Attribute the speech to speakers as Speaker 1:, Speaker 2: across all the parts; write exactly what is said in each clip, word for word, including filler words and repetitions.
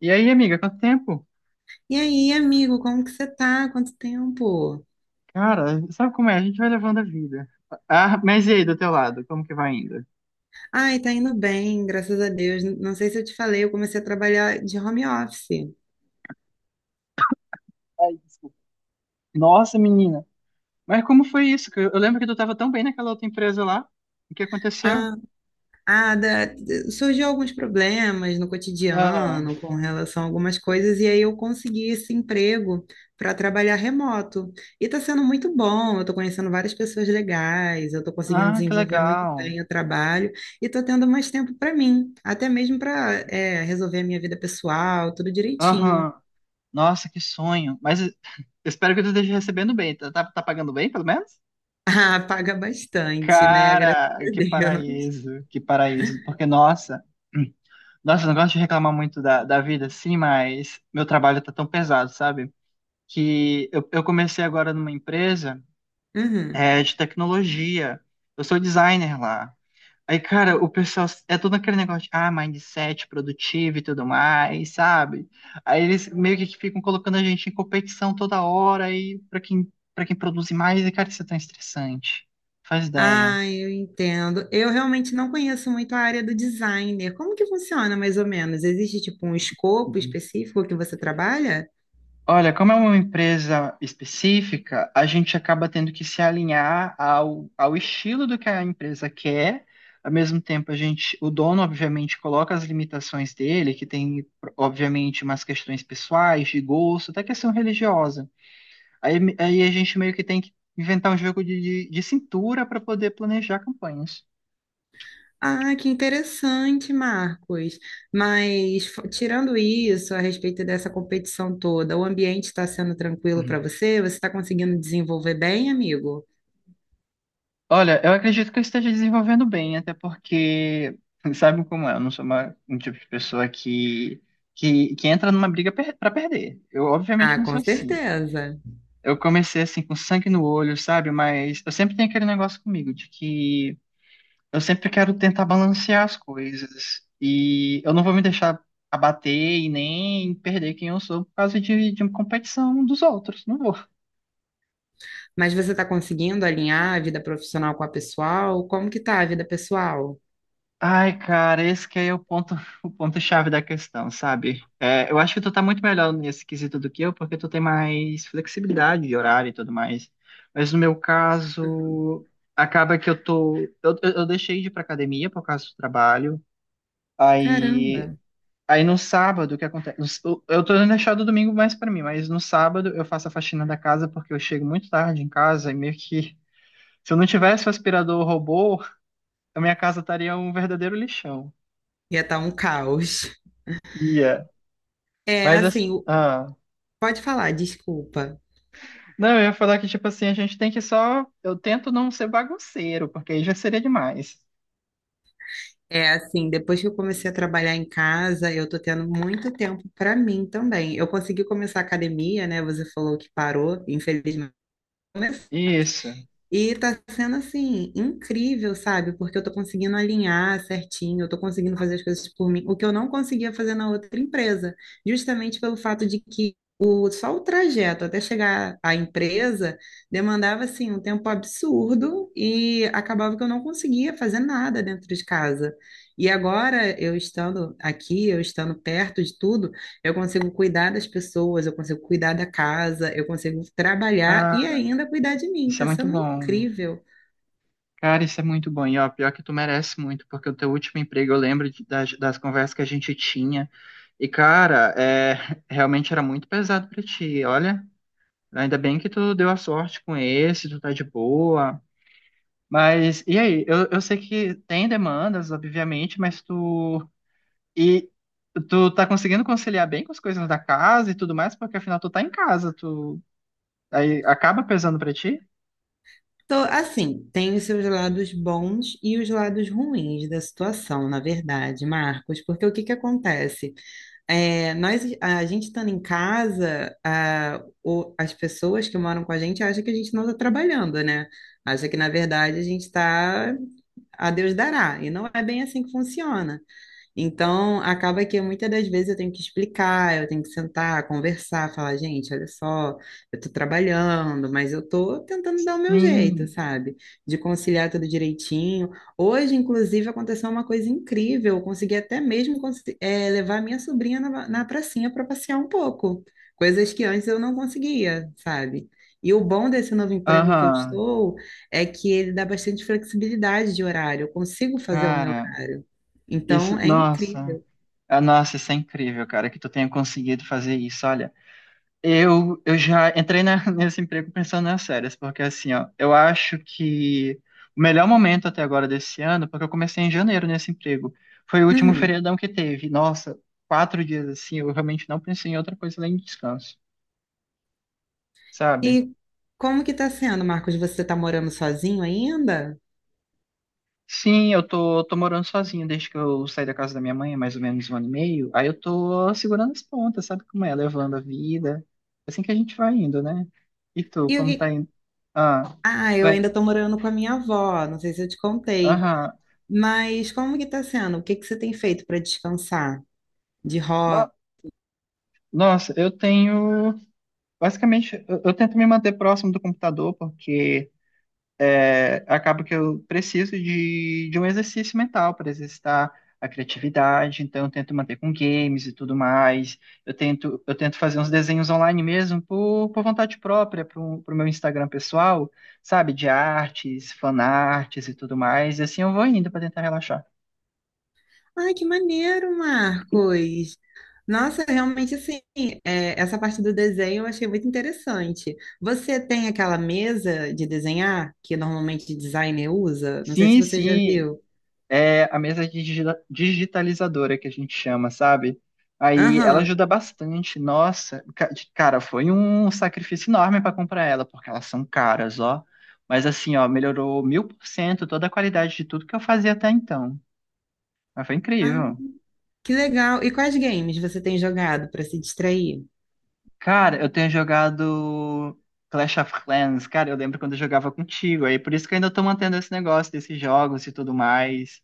Speaker 1: E aí, amiga, quanto tempo?
Speaker 2: E aí, amigo, como que você tá? Quanto tempo?
Speaker 1: Cara, sabe como é? A gente vai levando a vida. Ah, mas e aí, do teu lado, como que vai ainda?
Speaker 2: Ai, tá indo bem, graças a Deus. Não sei se eu te falei, eu comecei a trabalhar de home office.
Speaker 1: Ai, desculpa. Nossa, menina. Mas como foi isso? Que Eu eu lembro que tu tava tão bem naquela outra empresa lá. O que aconteceu?
Speaker 2: Ah, ah, da- surgiu alguns problemas no
Speaker 1: Ah,
Speaker 2: cotidiano com relação a algumas coisas, e aí eu consegui esse emprego para trabalhar remoto. E tá sendo muito bom, eu tô conhecendo várias pessoas legais, eu tô conseguindo
Speaker 1: ah, que
Speaker 2: desenvolver muito
Speaker 1: legal.
Speaker 2: bem o trabalho e tô tendo mais tempo para mim, até mesmo para resolver a minha vida pessoal, tudo direitinho.
Speaker 1: Aham. Nossa, que sonho. Mas eu espero que tu esteja recebendo bem. Tá, tá, tá pagando bem, pelo menos?
Speaker 2: Ah, paga bastante, né? Graças
Speaker 1: Cara,
Speaker 2: a
Speaker 1: que
Speaker 2: Deus.
Speaker 1: paraíso, que paraíso. Porque, nossa, nossa, eu não gosto de reclamar muito da, da vida, sim, mas meu trabalho tá tão pesado, sabe? Que eu, eu comecei agora numa empresa
Speaker 2: Uhum.
Speaker 1: é, de tecnologia. Eu sou designer lá. Aí, cara, o pessoal é todo aquele negócio de ah, mindset produtivo e tudo mais, sabe? Aí eles meio que ficam colocando a gente em competição toda hora aí para quem para quem produz mais, e cara, isso é tão estressante. Faz ideia.
Speaker 2: Ah, eu entendo. Eu realmente não conheço muito a área do designer. Como que funciona, mais ou menos? Existe, tipo, um escopo específico que você trabalha?
Speaker 1: Olha, como é uma empresa específica, a gente acaba tendo que se alinhar ao, ao estilo do que a empresa quer. Ao mesmo tempo, a gente, o dono, obviamente, coloca as limitações dele, que tem, obviamente, umas questões pessoais, de gosto, até questão religiosa. Aí, aí a gente meio que tem que inventar um jogo de, de, de cintura para poder planejar campanhas.
Speaker 2: Ah, que interessante, Marcos. Mas, f- tirando isso, a respeito dessa competição toda, o ambiente está sendo tranquilo para você? Você está conseguindo desenvolver bem, amigo?
Speaker 1: Olha, eu acredito que eu esteja desenvolvendo bem, até porque, sabe como é, eu não sou uma, um tipo de pessoa que, que, que entra numa briga per para perder. Eu, obviamente,
Speaker 2: Ah,
Speaker 1: não
Speaker 2: com
Speaker 1: sou assim.
Speaker 2: certeza.
Speaker 1: Eu comecei, assim, com sangue no olho, sabe? Mas eu sempre tenho aquele negócio comigo de que eu sempre quero tentar balancear as coisas. E eu não vou me deixar abater e nem perder quem eu sou por causa de, de uma competição dos outros. Não vou.
Speaker 2: Mas você está conseguindo alinhar a vida profissional com a pessoal? Como que tá a vida pessoal?
Speaker 1: Ai, cara, esse que é o ponto, o ponto-chave da questão, sabe? É, eu acho que tu tá muito melhor nesse quesito do que eu, porque tu tem mais flexibilidade de horário e tudo mais. Mas no meu caso, acaba que eu tô. Eu, eu eu deixei de ir pra academia por causa do trabalho. Aí,
Speaker 2: Caramba,
Speaker 1: aí no sábado, o que acontece? Eu eu tô deixando o domingo mais pra mim, mas no sábado eu faço a faxina da casa porque eu chego muito tarde em casa e meio que. Se eu não tivesse o aspirador robô, a minha casa estaria um verdadeiro lixão.
Speaker 2: ia estar um caos.
Speaker 1: Ia.
Speaker 2: É
Speaker 1: Mas, as-
Speaker 2: assim, o-
Speaker 1: ah,
Speaker 2: Pode falar, desculpa.
Speaker 1: não, eu ia falar que, tipo assim, a gente tem que só. Eu tento não ser bagunceiro, porque aí já seria demais.
Speaker 2: É assim, depois que eu comecei a trabalhar em casa, eu tô tendo muito tempo para mim também. Eu consegui começar a academia, né? Você falou que parou, infelizmente.
Speaker 1: Isso.
Speaker 2: E tá sendo assim, incrível, sabe? Porque eu tô conseguindo alinhar certinho, eu tô conseguindo fazer as coisas por mim, o que eu não conseguia fazer na outra empresa, justamente pelo fato de que o, só o trajeto até chegar à empresa demandava assim um tempo absurdo e acabava que eu não conseguia fazer nada dentro de casa. E agora, eu estando aqui, eu estando perto de tudo, eu consigo cuidar das pessoas, eu consigo cuidar da casa, eu consigo trabalhar e
Speaker 1: Cara,
Speaker 2: ainda cuidar de mim.
Speaker 1: isso é
Speaker 2: Tá
Speaker 1: muito
Speaker 2: sendo
Speaker 1: bom.
Speaker 2: incrível.
Speaker 1: Cara, isso é muito bom. E, ó, pior que tu merece muito, porque o teu último emprego, eu lembro de- das, das conversas que a gente tinha. E, cara, é, realmente era muito pesado pra ti. Olha, ainda bem que tu deu a sorte com esse, tu tá de boa. Mas, e aí? Eu, eu sei que tem demandas, obviamente, mas tu. E tu tá conseguindo conciliar bem com as coisas da casa e tudo mais, porque afinal tu tá em casa, tu aí acaba pesando pra ti?
Speaker 2: Tô, assim, tem os seus lados bons e os lados ruins da situação, na verdade, Marcos, porque o que que acontece? É, nós, a gente estando em casa, a, o- as pessoas que moram com a gente acham que a gente não está trabalhando, né? Acha que, na verdade, a gente está a Deus dará. E não é bem assim que funciona. Então, acaba que muitas das vezes eu tenho que explicar, eu tenho que sentar, conversar, falar, gente, olha só, eu tô trabalhando, mas eu tô tentando dar o meu jeito,
Speaker 1: Sim.
Speaker 2: sabe? De conciliar tudo direitinho. Hoje, inclusive, aconteceu uma coisa incrível, eu consegui até mesmo consi- eh, levar minha sobrinha na, na pracinha para passear um pouco, coisas que antes eu não conseguia, sabe? E o bom desse novo emprego que eu
Speaker 1: Aham.
Speaker 2: estou é que ele dá bastante flexibilidade de horário, eu consigo fazer o meu
Speaker 1: Cara,
Speaker 2: horário. Então
Speaker 1: isso,
Speaker 2: é
Speaker 1: nossa.
Speaker 2: incrível.
Speaker 1: Ah, nossa, isso é incrível, cara, que tu tenha conseguido fazer isso. Olha, eu eu já entrei na- nesse emprego pensando nas séries, porque assim, ó, eu acho que o melhor momento até agora desse ano, porque eu comecei em janeiro nesse emprego, foi o último
Speaker 2: Uhum.
Speaker 1: feriadão que teve. Nossa, quatro dias assim, eu realmente não pensei em outra coisa além de descanso. Sabe?
Speaker 2: E como que tá sendo, Marcos? Você tá morando sozinho ainda?
Speaker 1: Sim, eu tô, tô morando sozinho desde que eu saí da casa da minha mãe, há mais ou menos um ano e meio. Aí eu tô segurando as pontas, sabe como é? Levando a vida. É assim que a gente vai indo, né? E tu,
Speaker 2: E o
Speaker 1: como
Speaker 2: que...
Speaker 1: tá indo? Ah,
Speaker 2: Ah, eu
Speaker 1: vai.
Speaker 2: ainda tô morando com a minha avó, não sei se eu te contei.
Speaker 1: Aham.
Speaker 2: Mas como que tá sendo? O que que você tem feito para descansar? De hobby?
Speaker 1: No- Nossa, eu tenho. Basicamente, eu, eu tento me manter próximo do computador, porque. É, acaba que eu preciso de, de um exercício mental para exercitar a criatividade, então eu tento manter com games e tudo mais. Eu tento, eu tento fazer uns desenhos online mesmo por, por vontade própria, para o meu Instagram pessoal, sabe? De artes, fanarts e tudo mais. E assim eu vou indo para tentar relaxar.
Speaker 2: Ai, que maneiro, Marcos! Nossa, realmente assim, é, essa parte do desenho eu achei muito interessante. Você tem aquela mesa de desenhar que normalmente designer usa? Não sei se
Speaker 1: Sim,
Speaker 2: você já
Speaker 1: sim.
Speaker 2: viu.
Speaker 1: É a mesa digi- digitalizadora que a gente chama, sabe? Aí ela
Speaker 2: Aham.
Speaker 1: ajuda bastante. Nossa, ca- cara, foi um sacrifício enorme para comprar ela, porque elas são caras, ó. Mas assim, ó, melhorou mil por cento toda a qualidade de tudo que eu fazia até então. Mas foi
Speaker 2: Ah,
Speaker 1: incrível.
Speaker 2: que legal. E quais games você tem jogado para se distrair?
Speaker 1: Cara, eu tenho jogado Clash of Clans, cara, eu lembro quando eu jogava contigo, aí por isso que eu ainda tô mantendo esse negócio desses jogos e tudo mais.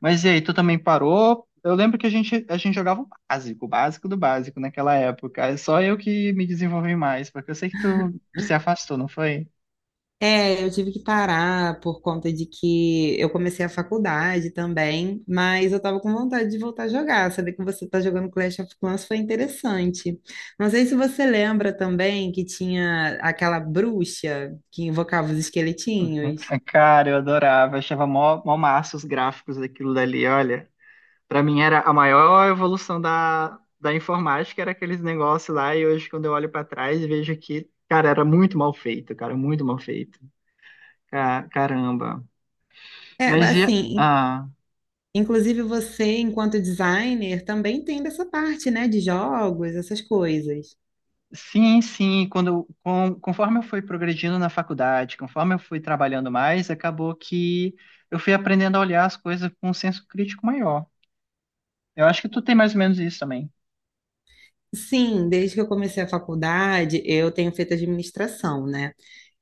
Speaker 1: Mas e aí, tu também parou? Eu lembro que a gente, a gente jogava o básico, o básico do básico naquela época. É só eu que me desenvolvi mais, porque eu sei que tu se afastou, não foi?
Speaker 2: É, eu tive que parar por conta de que eu comecei a faculdade também, mas eu tava com vontade de voltar a jogar. Saber que você tá jogando Clash of Clans foi interessante. Não sei se você lembra também que tinha aquela bruxa que invocava os esqueletinhos.
Speaker 1: Cara, eu adorava, achava mó, mó massa os gráficos daquilo dali, olha. Para mim era a maior evolução da, da informática, era aqueles negócios lá, e hoje quando eu olho para trás, vejo que, cara, era muito mal feito, cara, muito mal feito. Ca- Caramba.
Speaker 2: É,
Speaker 1: Mas e,
Speaker 2: assim,
Speaker 1: ah,
Speaker 2: inclusive você, enquanto designer, também tem dessa parte, né, de jogos, essas coisas.
Speaker 1: sim, sim, quando, eu- com- conforme eu fui progredindo na faculdade, conforme eu fui trabalhando mais, acabou que eu fui aprendendo a olhar as coisas com um senso crítico maior. Eu acho que tu tem mais ou menos isso também.
Speaker 2: Sim, desde que eu comecei a faculdade, eu tenho feito administração, né?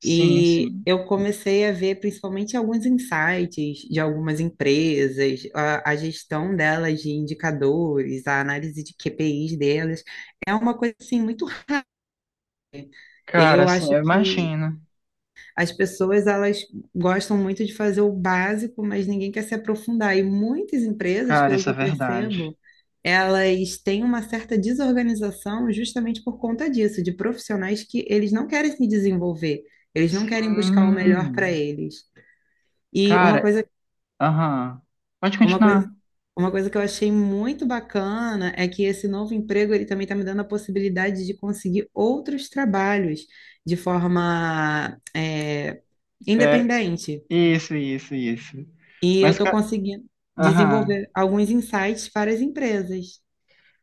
Speaker 1: Sim,
Speaker 2: E
Speaker 1: sim.
Speaker 2: eu comecei a ver principalmente alguns insights de algumas empresas, a, a gestão delas de indicadores, a análise de Q P I s delas. É uma coisa assim muito.
Speaker 1: Cara,
Speaker 2: Eu
Speaker 1: assim,
Speaker 2: acho
Speaker 1: eu
Speaker 2: que
Speaker 1: imagino.
Speaker 2: as pessoas elas gostam muito de fazer o básico, mas ninguém quer se aprofundar. E muitas empresas,
Speaker 1: Cara,
Speaker 2: pelo que
Speaker 1: isso é
Speaker 2: eu
Speaker 1: verdade.
Speaker 2: percebo, elas têm uma certa desorganização justamente por conta disso, de profissionais que eles não querem se desenvolver, eles não querem buscar o melhor para
Speaker 1: Sim.
Speaker 2: eles. E uma
Speaker 1: Cara,
Speaker 2: coisa,
Speaker 1: aham. Pode
Speaker 2: uma coisa,
Speaker 1: continuar.
Speaker 2: uma coisa que eu achei muito bacana é que esse novo emprego ele também está me dando a possibilidade de conseguir outros trabalhos de forma é,
Speaker 1: É,
Speaker 2: independente.
Speaker 1: isso, isso, isso.
Speaker 2: E eu
Speaker 1: Mas,
Speaker 2: estou
Speaker 1: cara,
Speaker 2: conseguindo
Speaker 1: aham.
Speaker 2: desenvolver alguns insights para as empresas.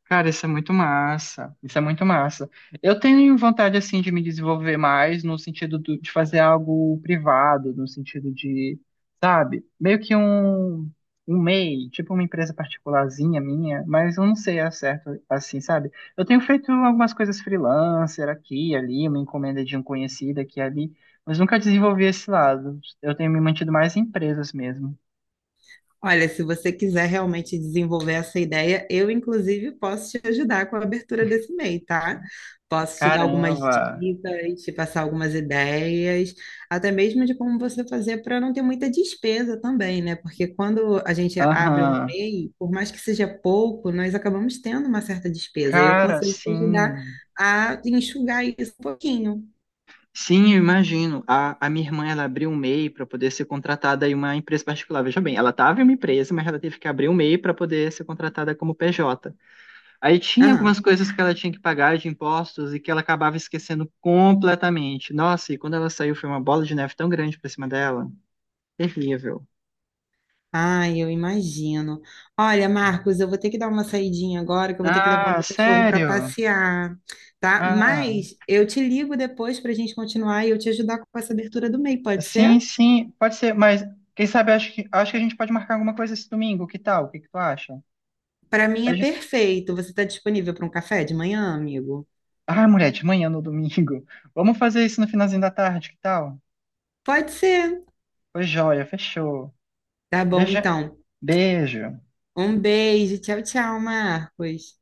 Speaker 1: Cara, isso é muito massa. Isso é muito massa. Eu tenho vontade, assim, de me desenvolver mais no sentido do- de fazer algo privado, no sentido de, sabe, meio que um, um, MEI, tipo uma empresa particularzinha minha, mas eu não sei a certo, assim, sabe? Eu tenho feito algumas coisas freelancer aqui e ali, uma encomenda de um conhecido aqui e ali, mas nunca desenvolvi esse lado. Eu tenho me mantido mais em empresas mesmo.
Speaker 2: Olha, se você quiser realmente desenvolver essa ideia, eu, inclusive, posso te ajudar com a abertura desse mail, tá? Posso te dar algumas
Speaker 1: Caramba!
Speaker 2: dicas, te passar algumas ideias, até mesmo de como você fazer para não ter muita despesa também, né? Porque quando a gente abre um
Speaker 1: Aham.
Speaker 2: mail, por mais que seja pouco, nós acabamos tendo uma certa despesa. E eu
Speaker 1: Cara,
Speaker 2: consigo te ajudar
Speaker 1: sim.
Speaker 2: a enxugar isso um pouquinho.
Speaker 1: Sim, eu imagino. A, a minha irmã, ela abriu um MEI para poder ser contratada em uma empresa particular. Veja bem, ela estava em uma empresa, mas ela teve que abrir um MEI para poder ser contratada como P J. Aí tinha
Speaker 2: Aham.
Speaker 1: algumas coisas que ela tinha que pagar de impostos e que ela acabava esquecendo completamente. Nossa, e quando ela saiu foi uma bola de neve tão grande para cima dela. Terrível.
Speaker 2: Ai, eu imagino. Olha, Marcos, eu vou ter que dar uma saidinha agora, que eu vou ter que levar
Speaker 1: Ah,
Speaker 2: meu cachorro para
Speaker 1: sério?
Speaker 2: passear, tá?
Speaker 1: Ah,
Speaker 2: Mas eu te ligo depois para a gente continuar e eu te ajudar com essa abertura do M E I, pode ser?
Speaker 1: sim, sim, pode ser, mas quem sabe acho que acho que a gente pode marcar alguma coisa esse domingo, que tal? O que que tu acha?
Speaker 2: Para mim é perfeito. Você está disponível para um café de manhã, amigo?
Speaker 1: Ah, mulher, de manhã no domingo. Vamos fazer isso no finalzinho da tarde, que tal?
Speaker 2: Pode ser.
Speaker 1: Foi joia, fechou.
Speaker 2: Tá bom,
Speaker 1: Beijo.
Speaker 2: então.
Speaker 1: Beijo.
Speaker 2: Um beijo. Tchau, tchau, Marcos.